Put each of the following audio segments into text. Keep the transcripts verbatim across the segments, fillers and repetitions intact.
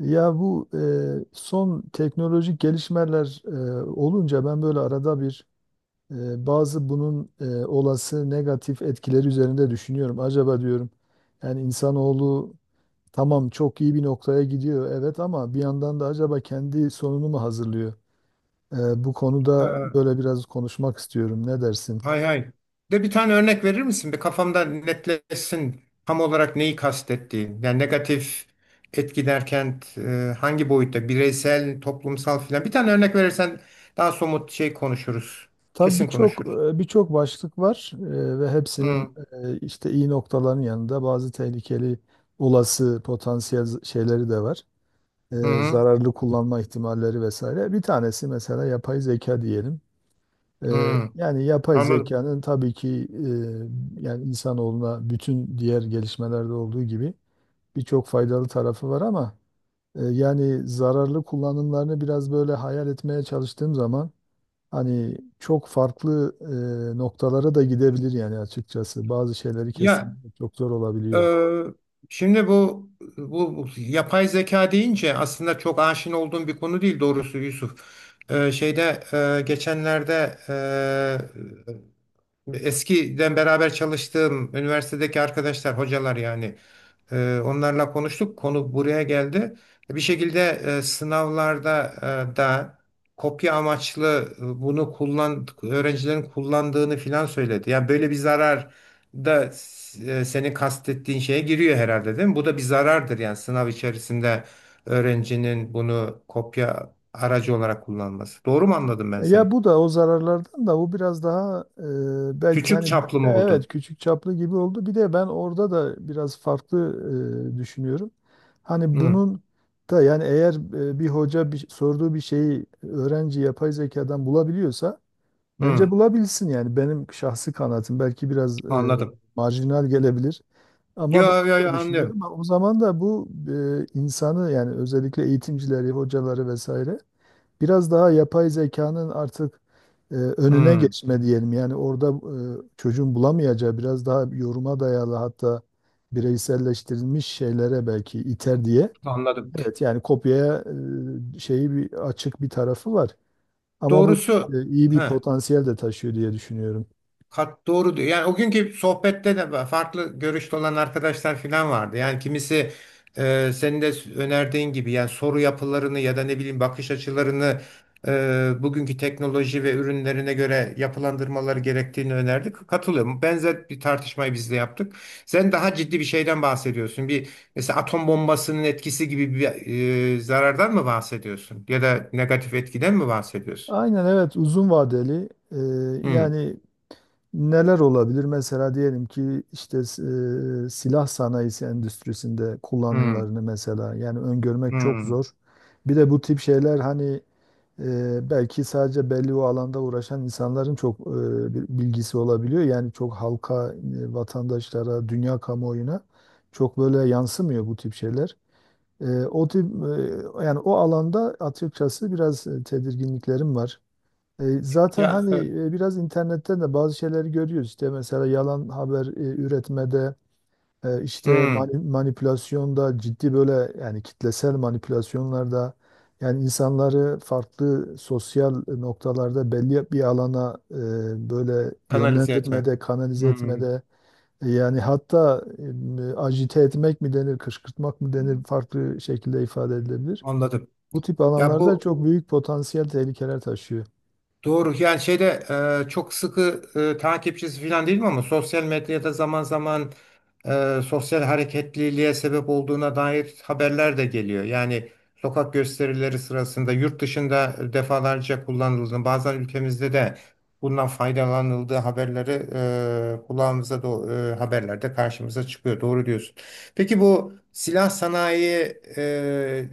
Ya bu e, son teknolojik gelişmeler e, olunca ben böyle arada bir e, bazı bunun e, olası negatif etkileri üzerinde düşünüyorum. Acaba diyorum yani insanoğlu tamam çok iyi bir noktaya gidiyor, evet, ama bir yandan da acaba kendi sonunu mu hazırlıyor? E, bu konuda Ee, böyle biraz konuşmak istiyorum. Ne dersin? Hay hay. De bir tane örnek verir misin? Bir kafamda netleşsin tam olarak neyi kastettiğin. Yani negatif etki derken e, hangi boyutta? Bireysel, toplumsal filan. Bir tane örnek verirsen daha somut şey konuşuruz. Tabii Kesin birçok konuşuruz. e, birçok başlık var, e, ve hepsinin Hı, e, işte iyi noktaların yanında bazı tehlikeli olası potansiyel z- şeyleri de var. E, hı, Zararlı kullanma ihtimalleri vesaire. Bir tanesi mesela yapay zeka diyelim. E, hı. Yani yapay Anladım. zekanın tabii ki e, yani insanoğluna bütün diğer gelişmelerde olduğu gibi birçok faydalı tarafı var ama e, yani zararlı kullanımlarını biraz böyle hayal etmeye çalıştığım zaman hani çok farklı e, noktalara da gidebilir yani açıkçası. Bazı şeyleri Ya, kesinlikle çok zor e, olabiliyor. şimdi bu, bu bu yapay zeka deyince aslında çok aşina olduğum bir konu değil doğrusu Yusuf. E, şeyde, e, geçenlerde, e, eskiden beraber çalıştığım üniversitedeki arkadaşlar, hocalar, yani e, onlarla konuştuk. Konu buraya geldi. Bir şekilde, e, sınavlarda e, da kopya amaçlı, e, bunu kullan öğrencilerin kullandığını filan söyledi. Yani böyle bir zarar da e, senin kastettiğin şeye giriyor herhalde, değil mi? Bu da bir zarardır, yani sınav içerisinde öğrencinin bunu kopya aracı olarak kullanması. Doğru mu anladım ben seni? Ya bu da o zararlardan, da bu biraz daha e, belki Küçük hani çaplı mı evet oldu? küçük çaplı gibi oldu. Bir de ben orada da biraz farklı e, düşünüyorum. Hani Hı, bunun da yani eğer e, bir hoca bir, sorduğu bir şeyi öğrenci yapay zekadan bulabiliyorsa bence hı. bulabilsin, yani benim şahsi kanaatim belki biraz e, Anladım. marjinal gelebilir. Ama ben Yo, yo, böyle yo, anlıyorum. düşünüyorum. Ama o zaman da bu e, insanı, yani özellikle eğitimcileri, hocaları vesaire biraz daha yapay zekanın artık e, önüne Hmm, geçme diyelim. Yani orada e, çocuğun bulamayacağı biraz daha yoruma dayalı, hatta bireyselleştirilmiş şeylere belki iter diye. anladım. Evet, yani kopyaya e, şeyi bir açık bir tarafı var. Ama bu Doğrusu, e, iyi bir heh, potansiyel de taşıyor diye düşünüyorum. Kat doğru diyor. Yani o günkü sohbette de farklı görüşte olan arkadaşlar falan vardı. Yani kimisi, e, senin de önerdiğin gibi, yani soru yapılarını ya da ne bileyim bakış açılarını, e, bugünkü teknoloji ve ürünlerine göre yapılandırmaları gerektiğini önerdi. Katılıyorum. Benzer bir tartışmayı biz de yaptık. Sen daha ciddi bir şeyden bahsediyorsun. Bir mesela atom bombasının etkisi gibi bir e, zarardan mı bahsediyorsun? Ya da negatif etkiden mi bahsediyorsun? Aynen evet, uzun vadeli e, Hmm, yani neler olabilir? Mesela diyelim ki işte e, silah sanayisi endüstrisinde hmm, kullanımlarını mesela yani öngörmek çok hmm. zor. Bir de bu tip şeyler hani e, belki sadece belli o alanda uğraşan insanların çok e, bir bilgisi olabiliyor. Yani çok halka, e, vatandaşlara, dünya kamuoyuna çok böyle yansımıyor bu tip şeyler. E, o tip e, yani o alanda açıkçası biraz e, tedirginliklerim var. E, Zaten Ya, hani e, e, biraz internetten de bazı şeyleri görüyoruz. İşte mesela yalan haber e, üretmede, e, işte hmm. mani- manipülasyonda, ciddi böyle yani kitlesel manipülasyonlarda, yani insanları farklı sosyal noktalarda belli bir alana e, böyle Kanalize etme. yönlendirmede, kanalize Hmm, etmede, e, yani hatta e, agite etmek mi denir, kışkırtmak mı denir, farklı şekilde ifade edilebilir. anladım. Bu tip Ya alanlarda bu çok büyük potansiyel tehlikeler taşıyor. Doğru, yani şeyde, e, çok sıkı e, takipçisi falan değilim ama sosyal medyada zaman zaman e, sosyal hareketliliğe sebep olduğuna dair haberler de geliyor. Yani sokak gösterileri sırasında yurt dışında defalarca kullanıldığını, bazen ülkemizde de bundan faydalanıldığı haberleri, e, kulağımıza do e, haberlerde karşımıza çıkıyor. Doğru diyorsun. Peki bu silah sanayi, e,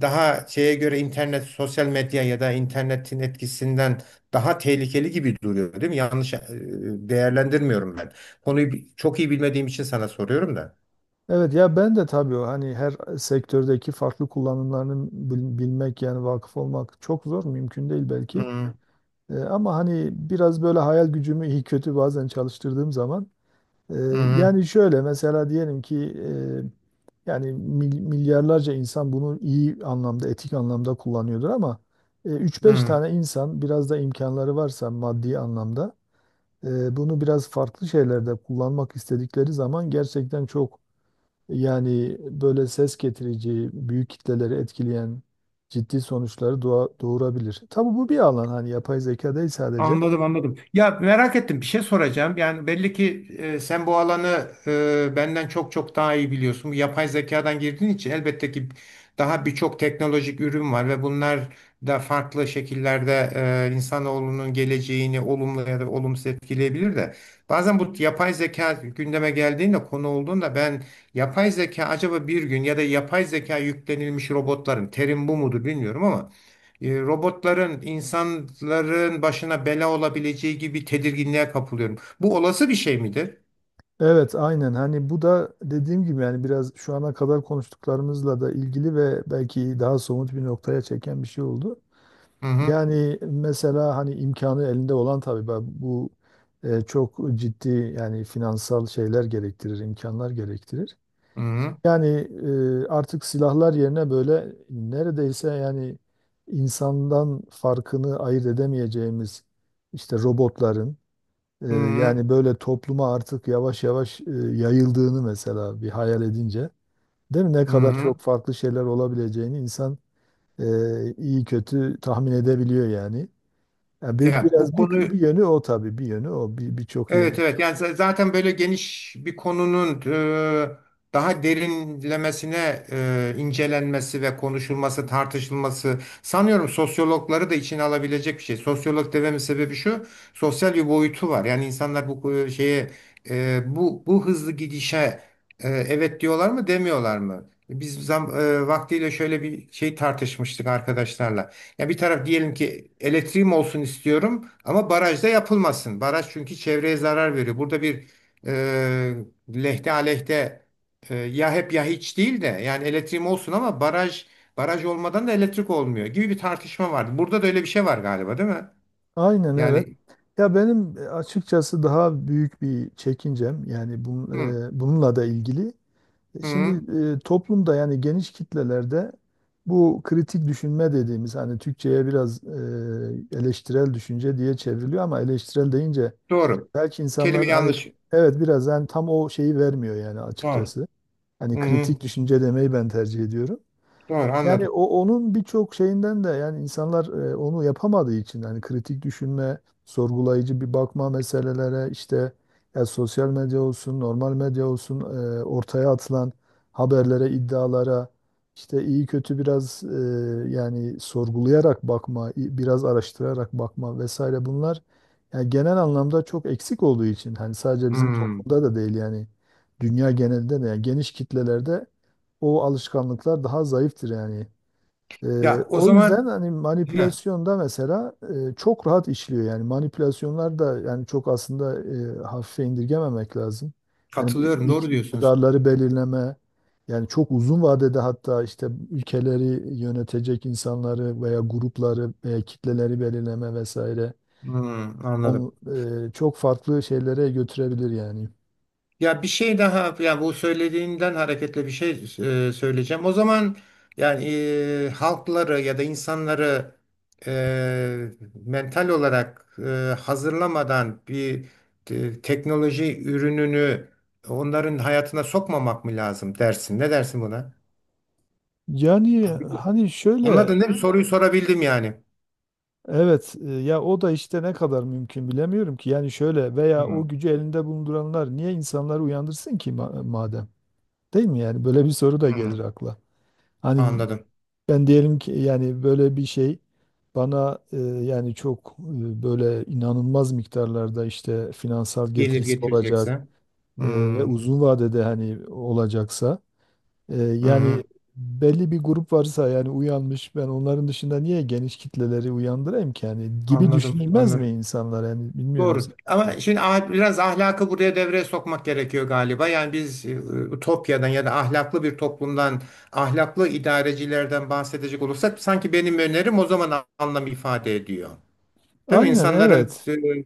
daha şeye göre, internet, sosyal medya ya da internetin etkisinden daha tehlikeli gibi duruyor, değil mi? Yanlış e, değerlendirmiyorum ben. Konuyu bi- çok iyi bilmediğim için sana soruyorum da. Evet, ya ben de tabii o hani her sektördeki farklı kullanımlarını bil- bilmek, yani vakıf olmak çok zor, mümkün değil Hı belki. hı. E, ama hani biraz böyle hayal gücümü iyi kötü bazen çalıştırdığım zaman e, Hı yani şöyle mesela diyelim ki e, yani mil- milyarlarca insan bunu iyi anlamda, etik anlamda kullanıyordur, ama e, üç beş hı. tane insan biraz da imkanları varsa maddi anlamda e, bunu biraz farklı şeylerde kullanmak istedikleri zaman gerçekten çok yani böyle ses getirici, büyük kitleleri etkileyen ciddi sonuçları doğa- doğurabilir. Tabii bu bir alan, hani yapay zeka değil sadece. Anladım, anladım. Ya merak ettim, bir şey soracağım. Yani belli ki e, sen bu alanı e, benden çok çok daha iyi biliyorsun. Bu yapay zekadan girdiğin için elbette ki daha birçok teknolojik ürün var ve bunlar da farklı şekillerde e, insanoğlunun geleceğini olumlu ya da olumsuz etkileyebilir de. Bazen bu yapay zeka gündeme geldiğinde, konu olduğunda, ben yapay zeka acaba bir gün ya da yapay zeka yüklenilmiş robotların, terim bu mudur bilmiyorum ama, e, robotların insanların başına bela olabileceği gibi tedirginliğe kapılıyorum. Bu olası bir şey midir? Evet aynen, hani bu da dediğim gibi yani biraz şu ana kadar konuştuklarımızla da ilgili ve belki daha somut bir noktaya çeken bir şey oldu. Hı hı. Yani mesela hani imkanı elinde olan, tabii ben bu e, çok ciddi yani finansal şeyler gerektirir, imkanlar gerektirir. Hı hı. Yani e, artık silahlar yerine böyle neredeyse yani insandan farkını ayırt edemeyeceğimiz işte robotların e, Hı hı. yani böyle topluma artık yavaş yavaş e, yayıldığını mesela bir hayal edince, değil mi? Ne Hı kadar hı. çok farklı şeyler olabileceğini insan e, iyi kötü tahmin edebiliyor yani. Yani bir Ya bu biraz bir, konu bir yönü o, tabii bir yönü o, bir birçok yönü. Evet, evet, yani z- zaten böyle geniş bir konunun e, daha derinlemesine e, incelenmesi ve konuşulması, tartışılması sanıyorum sosyologları da içine alabilecek bir şey. Sosyolog dememin sebebi şu, sosyal bir boyutu var. Yani insanlar bu e, şeye, e, bu bu hızlı gidişe, e, evet diyorlar mı, demiyorlar mı? Biz zam, e, vaktiyle şöyle bir şey tartışmıştık arkadaşlarla. Ya bir taraf diyelim ki elektriğim olsun istiyorum ama barajda yapılmasın. Baraj, çünkü çevreye zarar veriyor. Burada bir e, lehte aleyhte, e, ya hep ya hiç değil de, yani elektriğim olsun ama baraj baraj olmadan da elektrik olmuyor gibi bir tartışma vardı. Burada da öyle bir şey var galiba, değil mi? Aynen evet. Yani Ya benim e, açıkçası daha büyük bir çekincem yani hı, bun- e, bununla da ilgili. E, hı, Şimdi e, toplumda, yani geniş kitlelerde, bu kritik düşünme dediğimiz, hani Türkçe'ye biraz e, eleştirel düşünce diye çevriliyor ama eleştirel deyince doğru. belki Kelime insanlar hani, yanlış. evet, biraz yani tam o şeyi vermiyor yani Doğru. açıkçası. Hani Hı, hı, kritik düşünce demeyi ben tercih ediyorum. doğru, Yani anladım. o onun birçok şeyinden de, yani insanlar e, onu yapamadığı için, hani kritik düşünme, sorgulayıcı bir bakma meselelere, işte ya sosyal medya olsun, normal medya olsun, e, ortaya atılan haberlere, iddialara işte iyi kötü biraz e, yani sorgulayarak bakma, i- biraz araştırarak bakma vesaire, bunlar yani genel anlamda çok eksik olduğu için, hani sadece bizim Hı. toplumda da değil yani, dünya genelinde de yani geniş kitlelerde o alışkanlıklar daha zayıftır yani. Ee, Ya, o O yüzden zaman. hani Hı, manipülasyonda mesela e, çok rahat işliyor yani, manipülasyonlar da yani çok, aslında e, hafife indirgememek lazım. Yani bu katılıyorum, doğru ik- diyorsunuz. iktidarları belirleme, yani çok uzun vadede, hatta işte ülkeleri yönetecek insanları veya grupları veya kitleleri belirleme vesaire, Hı, on, anladım. e, çok farklı şeylere götürebilir yani. Ya bir şey daha, ya bu söylediğinden hareketle bir şey e, söyleyeceğim. O zaman, yani e, halkları ya da insanları e, mental olarak e, hazırlamadan bir e, teknoloji ürününü onların hayatına sokmamak mı lazım dersin? Ne dersin buna? Yani Abi, hani şöyle. anladın değil mi? Soruyu sorabildim yani. Evet, e, ya o da işte ne kadar mümkün bilemiyorum ki. Yani şöyle, veya o Hı, gücü elinde bulunduranlar niye insanları uyandırsın ki, ma- madem? Değil mi yani? Böyle bir soru da gelir hı, akla. Hani anladım. ben diyelim ki yani böyle bir şey bana e, yani çok e, böyle inanılmaz miktarlarda işte finansal Gelir getirisi olacak, getirecekse. Hı, e, ve uzun vadede hani olacaksa, ee, yani hı, belli bir grup varsa yani uyanmış, ben onların dışında niye geniş kitleleri uyandırayım ki yani, gibi anladım, düşünülmez mi anladım. insanlar yani, bilmiyorum Doğru. sen. Ama şimdi, ah- biraz ahlakı buraya devreye sokmak gerekiyor galiba. Yani biz, e, Ütopya'dan ya da ahlaklı bir toplumdan, ahlaklı idarecilerden bahsedecek olursak sanki benim önerim o zaman anlam ifade ediyor. Değil mi? Aynen İnsanların evet. e,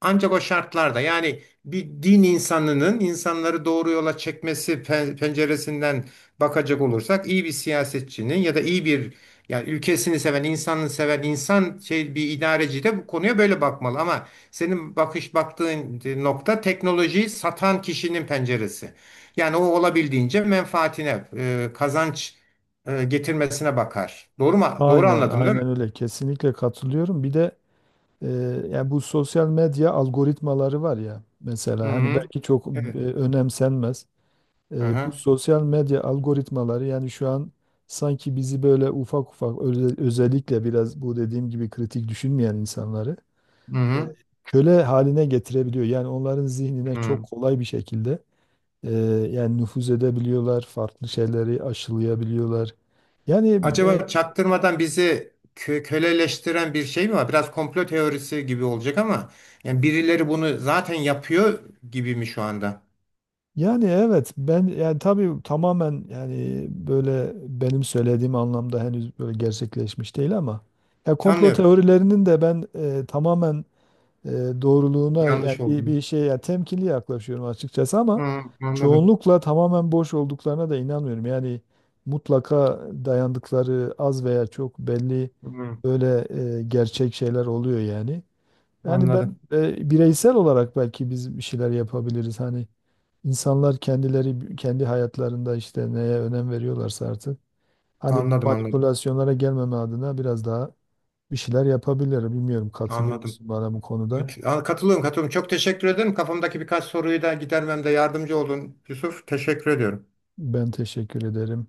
ancak o şartlarda, yani bir din insanının insanları doğru yola çekmesi pe- penceresinden bakacak olursak, iyi bir siyasetçinin ya da iyi bir, yani ülkesini seven, insanını seven insan, şey, bir idareci de bu konuya böyle bakmalı, ama senin bakış baktığın nokta teknolojiyi satan kişinin penceresi. Yani o olabildiğince menfaatine, e, kazanç e, getirmesine bakar. Doğru mu? Doğru Aynen anladım, değil mi? aynen öyle, kesinlikle katılıyorum. Bir de e, yani bu sosyal medya algoritmaları var ya, Hı mesela hani hı. belki çok e, Evet. önemsenmez. Hı E, bu hı. sosyal medya algoritmaları yani şu an sanki bizi böyle ufak ufak özel- özellikle, biraz bu dediğim gibi kritik düşünmeyen insanları Hı e, hı. köle haline getirebiliyor. Yani onların zihnine çok Hı. kolay bir şekilde e, yani nüfuz edebiliyorlar, farklı şeyleri aşılayabiliyorlar. Yani e, Acaba çaktırmadan bizi kö- köleleştiren bir şey mi var? Biraz komplo teorisi gibi olacak ama yani birileri bunu zaten yapıyor gibi mi şu anda? yani evet ben yani tabii tamamen, yani böyle benim söylediğim anlamda henüz böyle gerçekleşmiş değil ama, ya komplo Anlıyorum. teorilerinin de ben e, tamamen e, doğruluğuna yani Yanlış bir, olduğunu. bir şeye yani temkinli yaklaşıyorum açıkçası, ama Hı, anladım. çoğunlukla tamamen boş olduklarına da inanmıyorum. Yani mutlaka dayandıkları az veya çok belli Hı, böyle e, gerçek şeyler oluyor yani. Yani ben anladım. e, bireysel olarak belki biz bir şeyler yapabiliriz. Hani insanlar kendileri kendi hayatlarında işte neye önem veriyorlarsa artık, hani bu Anladım, anladım. manipülasyonlara gelmeme adına biraz daha bir şeyler yapabilir. Bilmiyorum, katılıyor Anladım. musun bana bu konuda? Evet, a- katılıyorum, katılıyorum. Çok teşekkür ederim. Kafamdaki birkaç soruyu da gidermemde yardımcı oldun Yusuf. Teşekkür ediyorum. Ben teşekkür ederim.